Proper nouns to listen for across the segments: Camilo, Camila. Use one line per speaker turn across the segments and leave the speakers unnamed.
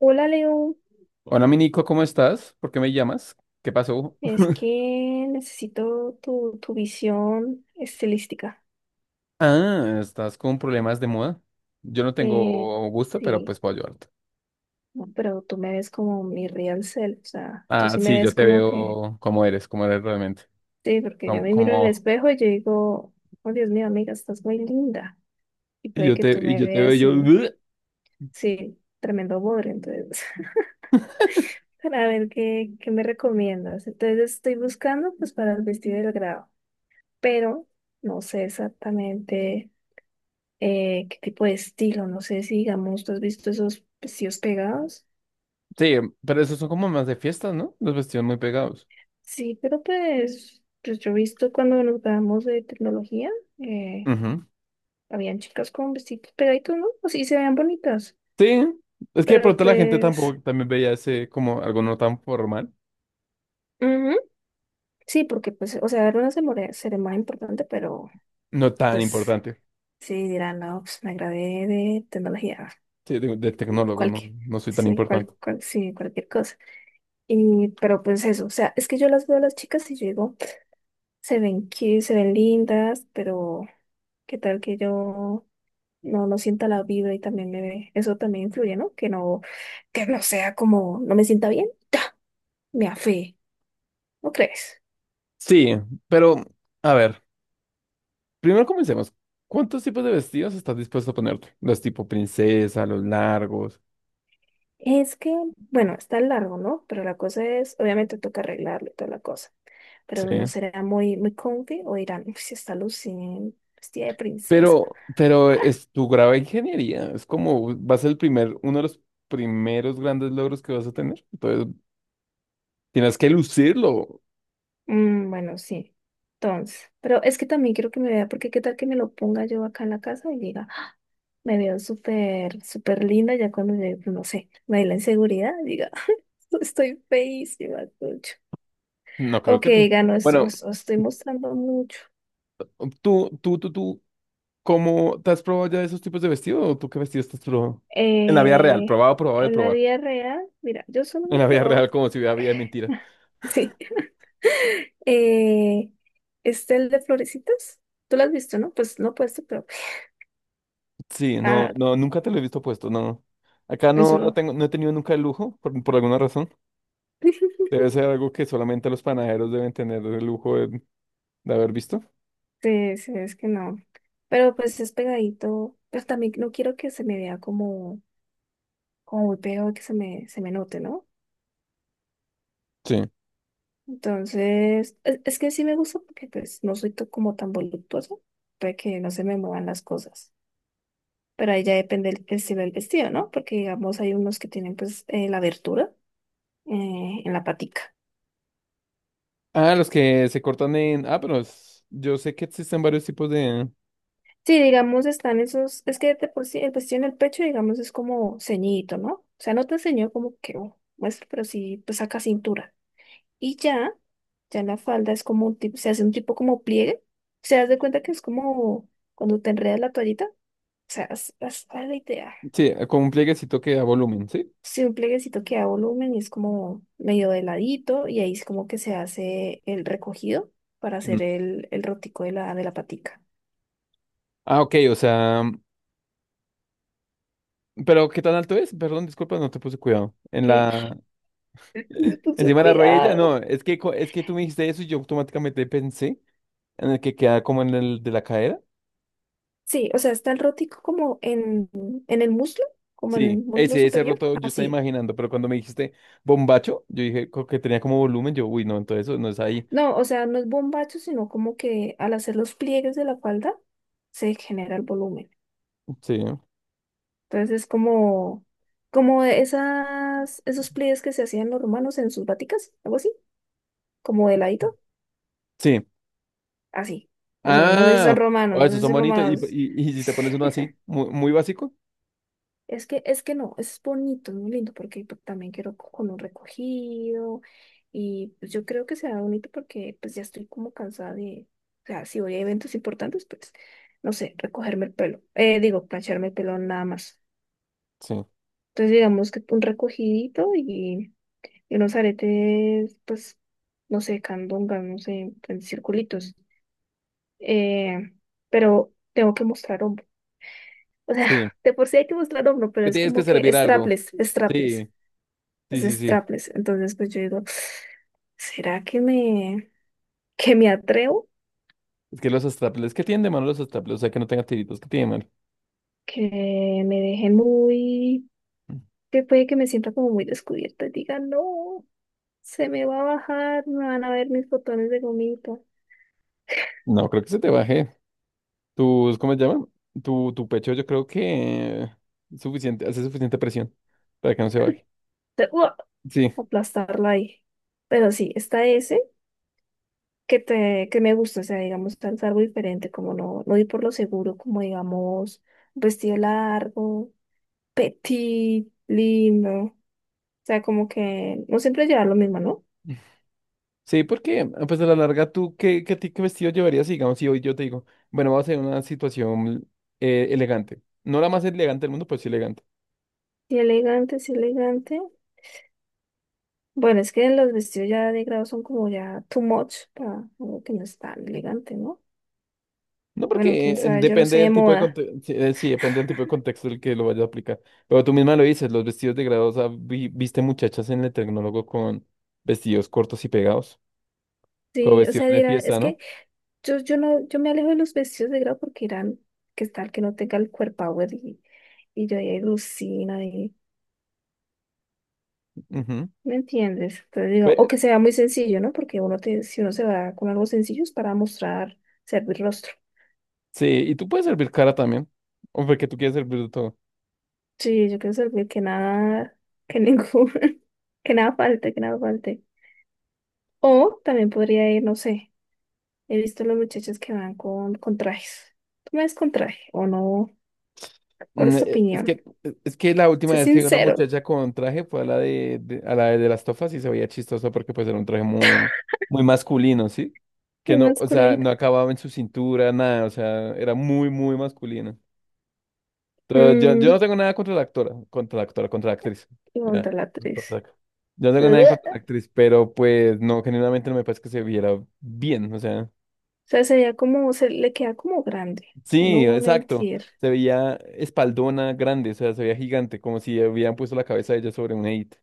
Hola Leo,
Hola, mi Nico, ¿cómo estás? ¿Por qué me llamas? ¿Qué pasó?
es que necesito tu visión estilística.
Ah, estás con problemas de moda. Yo no
Eh,
tengo gusto, pero
sí,
pues puedo ayudarte.
no, pero tú me ves como mi real self, o sea, tú
Ah,
sí me
sí, yo
ves
te
como que,
veo como eres realmente.
sí, porque yo
Como,
me miro en el
como-
espejo y yo digo, oh Dios mío, amiga, estás muy linda. Y
Y
puede
yo
que
te,
tú
y
me
yo te veo
veas
yo.
y,
"Ugh".
sí, tremendo bodre, entonces, para ver qué me recomiendas. Entonces estoy buscando pues para el vestido del grado, pero no sé exactamente. ¿Qué tipo de estilo? No sé, si digamos, ¿tú has visto esos vestidos pegados?
Sí, pero esos son como más de fiestas, ¿no? Los vestidos muy pegados.
Sí, pero pues yo he visto cuando nos graduamos de tecnología, eh,
Ujú.
habían chicas con vestidos pegaditos, ¿no? Pues sí, se veían bonitas,
Sí, es que de
pero
pronto la gente
pues,
tampoco también veía ese como algo no tan formal,
ujú. Sí, porque pues, o sea, era una ceremonia importante, pero
no tan
pues
importante.
sí dirán, no, pues me gradué de tecnología,
Sí, de tecnólogo, no,
cualquier,
no soy tan
sí,
importante.
sí, cualquier cosa. Y pero pues eso, o sea, es que yo las veo a las chicas y yo digo, se ven cute, se ven lindas, pero qué tal que yo no sienta la vibra y también me ve. Eso también influye, ¿no? Que no sea como, no me sienta bien, ¡ta! Me afee, ¿no crees?
Sí, pero a ver. Primero comencemos. ¿Cuántos tipos de vestidos estás dispuesto a ponerte? Los tipo princesa, los largos,
Es que, bueno, está largo, ¿no? Pero la cosa es, obviamente toca arreglarlo y toda la cosa.
¿sí?
Pero no será muy comfy o dirán, "Uy, si está luciendo, vestida de princesa".
Pero es tu grado de ingeniería. Es como va a ser el primer, uno de los primeros grandes logros que vas a tener. Entonces, tienes que lucirlo.
Mm, bueno, sí. Entonces, pero es que también quiero que me vea, porque qué tal que me lo ponga yo acá en la casa y diga, me veo súper linda ya cuando me, no sé, me dé la inseguridad, diga, estoy feísima, mucho.
No
O
creo que
que
te.
diga, no,
Bueno,
os, os estoy mostrando mucho.
tú, ¿cómo te has probado ya esos tipos de vestidos? ¿O tú qué vestido estás probando? En la vida real,
Eh,
probado, probado de
en la
probar.
vida real, mira, yo solo me
En
he
la vida
probado,
real, como si hubiera vida de mentira.
sí, eh, este el de florecitas, tú lo has visto, ¿no? Pues no puesto, pero,
Sí, no,
ah,
no, nunca te lo he visto puesto, no. Acá no,
eso
no
lo,
tengo, no he tenido nunca el lujo, por alguna razón. Debe ser algo que solamente los panaderos deben tener el lujo de haber visto.
sí, sí, es que no. Pero pues es pegadito, pero también no quiero que se me vea como como muy pegado y que se me note, ¿no?
Sí.
Entonces, es que sí me gusta porque pues no soy como tan voluptuoso, para que no se me muevan las cosas. Pero ahí ya depende el estilo del vestido, ¿no? Porque digamos hay unos que tienen pues la abertura en la patica.
Ah, los que se cortan en. Ah, pero es- yo sé que existen varios tipos de.
Sí, digamos están esos, es que de por sí el vestido en el pecho, digamos, es como ceñidito, ¿no? O sea, no te ceñido como que oh, muestra, pero sí pues saca cintura. Y ya, ya la falda es como un tipo, se hace un tipo como pliegue. Se das de cuenta que es como cuando te enredas la toallita. O sea, la idea.
Sí, con un plieguecito que da volumen, ¿sí?
Sí, un plieguecito que da volumen y es como medio de ladito y ahí es como que se hace el recogido para
Mm.
hacer el rotico de la patica.
Ah, ok, o sea. Pero ¿qué tan alto es? Perdón, disculpa, no te puse cuidado. En
Eh,
la.
me puso
Encima de la rodilla,
cuidado.
no, es que, co- es que tú me dijiste eso y yo automáticamente pensé en el que queda como en el de la cadera.
Sí, o sea, está el rotico en el muslo, como en
Sí,
el muslo
ese
superior,
roto yo estaba
así.
imaginando, pero cuando me dijiste bombacho, yo dije co- que tenía como volumen, yo, uy, no, entonces eso no es ahí.
No, o sea, no es bombacho, sino como que al hacer los pliegues de la falda se genera el volumen.
Sí,
Entonces es como, como esas, esos pliegues que se hacían los romanos en sus váticas, algo así, como de ladito,
sí.
así, más o menos. No sé si son
Ah,
romanos,
oh,
no
esos
sé si
son
son
bonitos. Y,
romanos.
y, y si te pones uno así, muy, muy básico.
Es que no, es bonito, es muy lindo, porque pues, también quiero con un recogido y pues, yo creo que será bonito porque pues ya estoy como cansada de, o sea, si voy a eventos importantes, pues, no sé, recogerme el pelo, digo, plancharme el pelo nada más.
Sí,
Entonces digamos que un recogidito y unos aretes, pues, no sé, candongas, no sé, en circulitos. Eh, pero tengo que mostrar hombro. O sea,
sí.
de por sí hay que mostrar hombro, pero
Que
es
tienes que
como que
servir algo.
strapless.
Sí, sí,
Es
sí, sí.
strapless. Entonces, pues yo digo, ¿será que que me atrevo?
es que los straples, ¿qué tienen de malo los straples? O sea, que no tengan tiritos, ¿qué tienen de malo?
Que me deje muy, que puede que me sienta como muy descubierta y diga, no, se me va a bajar, me van a ver mis botones de gomita.
No, creo que se te baje. Tus, ¿cómo se llama? Tu pecho, yo creo que suficiente, hace suficiente presión para que no se baje.
¡Uah!
Sí.
Aplastarla ahí. Pero sí, está ese que te, que me gusta, o sea, digamos, tal algo diferente, como no, no ir por lo seguro, como digamos, un vestido largo, petit, lindo. O sea, como que no siempre llevar lo mismo, ¿no?
Sí, porque pues a la larga, ¿tú qué vestido llevarías? Digamos, si hoy yo te digo, bueno, vamos a hacer una situación elegante. No la más elegante del mundo, pero sí elegante.
Sí, elegante, sí, elegante. Bueno, es que los vestidos ya de grado son como ya too much para algo que no es tan elegante, ¿no?
No,
Bueno,
porque
quién sabe, yo no
depende
sé de
del tipo de
moda.
contexto, sí, sí, depende del tipo de contexto el que lo vayas a aplicar. Pero tú misma lo dices, los vestidos degradados, ah, vi- viste muchachas en el tecnólogo con vestidos cortos y pegados, con
Sí, o
vestidos
sea,
de
dirá,
fiesta,
es que
¿no?
yo no, yo me alejo de los vestidos de grado porque irán que es tal que no tenga el cuerpo power y yo ahí alucina y
Ujú.
¿me entiendes? Entonces digo, o
Pues,
que sea muy sencillo, ¿no? Porque uno te, si uno se va con algo sencillo es para mostrar, servir rostro.
sí, y tú puedes servir cara también, o porque tú quieres servir todo.
Sí, yo quiero servir que nada, que ningún, que nada falte, que nada falte. O también podría ir, no sé, he visto las muchachas que van con trajes. ¿Tú me ves con traje o no? ¿Cuál
Mm,
es tu
es
opinión?
que, es que la última
Sé
vez que vi una
sincero,
muchacha con traje fue a a la de, las tofas y se veía chistoso porque pues era un traje muy, muy masculino, ¿sí? Que
muy
no, o sea,
masculino.
no acababa en su cintura, nada, o sea, era muy, muy masculino. Entonces, yo no
Mm,
tengo nada contra la actora, contra la actora, contra la actriz.
y
Mira,
monta la actriz.
contra la- yo no tengo nada en contra de la
Ugh.
actriz, pero pues no, genuinamente no me parece que se viera bien, o sea.
O sea, sería como, se le queda como grande. O sea, no
Sí,
voy a
exacto.
mentir.
Se veía espaldona grande, o sea, se veía gigante, como si hubieran puesto la cabeza de ella sobre un edit.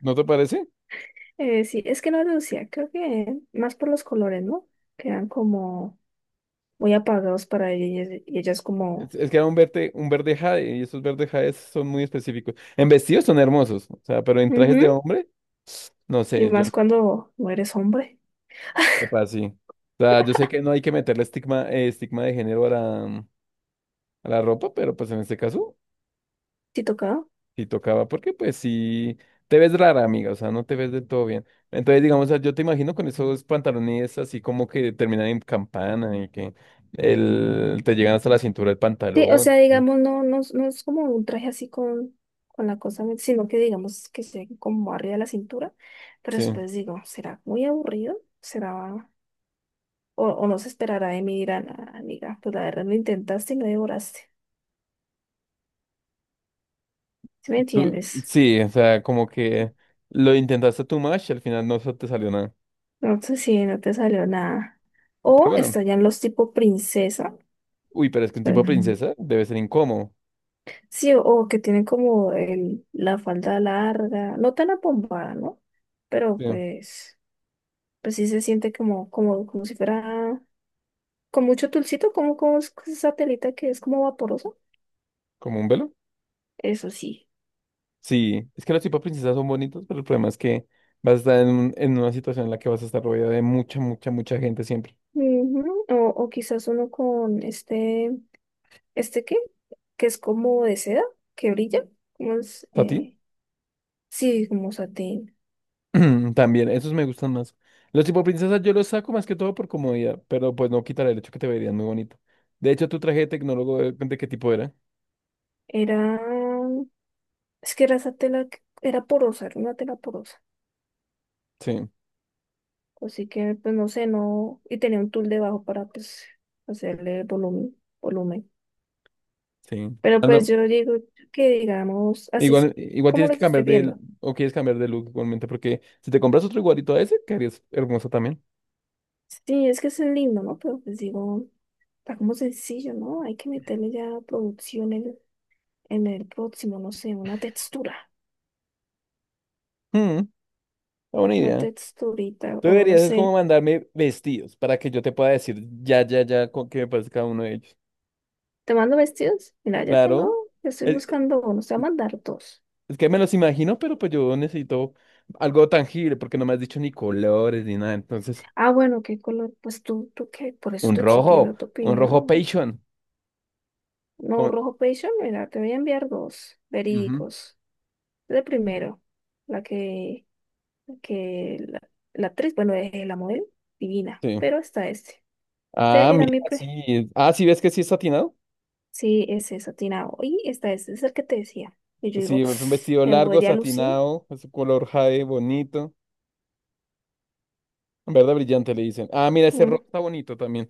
¿No te parece?
Sí, es que no Lucía, creo que más por los colores, ¿no? Quedan como muy apagados para ellas y ellas
Es,
como,
es que era un verde jade, y esos verdes jades son muy específicos. En vestidos son hermosos, o sea, pero en trajes de
ujú.
hombre, no
Y
sé, yo no
más cuando no eres hombre.
sepa sí. O sea, yo sé que no hay que meterle estigma, estigma de género a la ropa, pero pues en este caso.
Si tocaba.
Sí tocaba, porque pues sí, te ves rara, amiga, o sea, no te ves del todo bien. Entonces, digamos, o sea, yo te imagino con esos pantalones así como que terminan en campana y que el, te llegan hasta la cintura del
Sí, o
pantalón.
sea,
Y-
digamos, no, no, no es como un traje así con la cosa, sino que digamos que esté como arriba de la cintura, pero
Sí,
después digo, ¿será muy aburrido? ¿Será, o no se esperará de mí? Dirán, "Ah, amiga, pues la verdad lo intentaste y no devoraste, ¿sí me
tú,
entiendes?"
sí, o sea, como que lo intentaste too much y al final no se te salió nada.
No sé si no te salió nada.
Pero
O
bueno,
estarían los tipo princesa,
uy, pero es que un tipo
pero-
de
ujú.
princesa debe ser incómodo.
Sí, o que tienen como el, la falda larga, no tan apombada, ¿no? Pero
Sí,
pues... Pues sí se siente como, como, como si fuera con mucho tulcito, como, como es esa telita que es como vaporosa.
¿Como un velo?
Eso sí.
Sí, es que los tipos de princesas son bonitos, pero el problema es que vas a estar en, un- en una situación en la que vas a estar rodeada de mucha, mucha, mucha gente siempre.
Ujú. O quizás uno con este, ¿este qué? Que es como de seda, que brilla. Como es,
¿A ti?
sí, como satín.
También, esos me gustan más. Los tipo princesas yo los saco más que todo por comodidad, pero pues no quitaré el hecho que te verían muy bonito. De hecho, tu traje de tecnólogo, ¿de qué tipo era?
Era, es que era esa tela, era porosa, era una tela porosa.
Sí,
Así que, pues no sé, no, y tenía un tul debajo para, pues, hacerle volumen.
sí.
Pero
Ah,
pues
no,
yo digo que digamos, así es
igual, igual
como
tienes que
los estoy
cambiar de,
viendo.
o quieres cambiar de look igualmente, porque si te compras otro igualito a ese, quedarías hermoso también.
Sí, es que es lindo, ¿no? Pero pues digo, está como sencillo, ¿no? Hay que meterle ya producción en el próximo, no sé, una textura,
Hmm, está buena
una
idea.
texturita,
Tú
o no
deberías es como
sé.
mandarme vestidos para que yo te pueda decir ya, ya, ya, con qué me parece cada uno de ellos.
¿Te mando vestidos? Mira, ya tengo,
Claro.
estoy
Es-
buscando, no sé, a mandar dos.
Es que me los imagino, pero pues yo necesito algo tangible, porque no me has dicho ni colores ni nada. Entonces,
Ah, bueno, ¿qué color? Pues tú qué, por eso te estoy pidiendo tu
un rojo
opinión.
Passion.
No,
Con-
rojo pecho, mira, te voy a enviar dos,
Ujú,
verídicos. El primero, la que la actriz, bueno, es la modelo divina,
sí.
pero está este.
Ah,
Ese era
mira,
mi pre.
sí. Ah, sí, ¿ves que sí es satinado?
Sí, ese es atinado. Y está ese es el que te decía. Y yo
Sí,
digo,
es un vestido
me voy
largo,
de alucin.
satinado, es un color jade bonito. Verde brillante le dicen. Ah, mira, ese
Mm,
rojo está bonito también.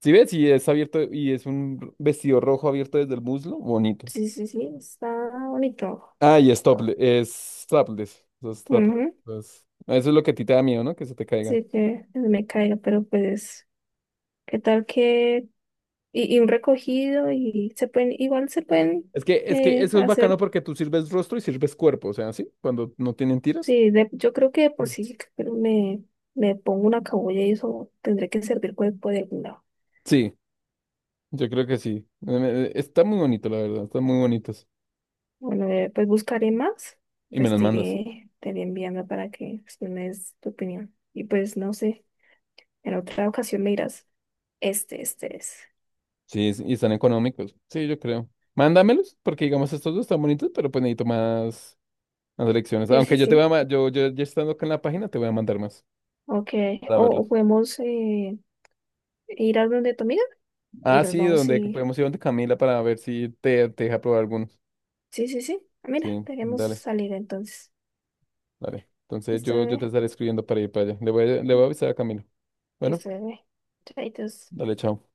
¿Sí ves? Y es abierto y es un vestido rojo abierto desde el muslo. Bonito.
sí, sí, sí, está bonito.
Ah, y es tople, es strapless. Los strapless.
Ujú.
Eso es lo que a ti te da miedo, ¿no? Que se te caiga.
Sí, que me caiga, pero pues, ¿qué tal que... Y, y un recogido y se pueden, igual se pueden
Es que eso es bacano
hacer,
porque tú sirves rostro y sirves cuerpo, o sea, ¿sí? Cuando no tienen tiras.
sí, yo creo que de por
Sí.
si me, me pongo una cabulla y eso tendré que servir cuerpo de alguna.
Sí, yo creo que sí. Está muy bonito, la verdad, están muy bonitos.
Bueno, pues buscaré más,
Y me
pues
los mandas.
te iré enviando para que pues, tú me des tu opinión. Y pues no sé, en otra ocasión me dirás, este es.
Sí, es- y están económicos. Sí, yo creo. Mándamelos, porque digamos estos dos están bonitos, pero pues necesito más, más elecciones.
Sí,
Aunque
sí,
yo te
sí.
voy a, ma- yo ya estando acá en la página, te voy a mandar más
Ok.
para
O
verlos.
podemos ir a donde tu amiga y
Ah,
nos
sí,
vamos
donde
y...
podemos ir donde Camila para ver si te, te deja probar algunos.
Sí, sí, sí. Ah, mira,
Sí,
tenemos
dale.
salir entonces.
Dale. Entonces
Listo,
yo te
bebé.
estaré escribiendo para ir para allá. Le voy a avisar a Camilo. Bueno,
Listo, bebé. Chaitos.
dale, chao.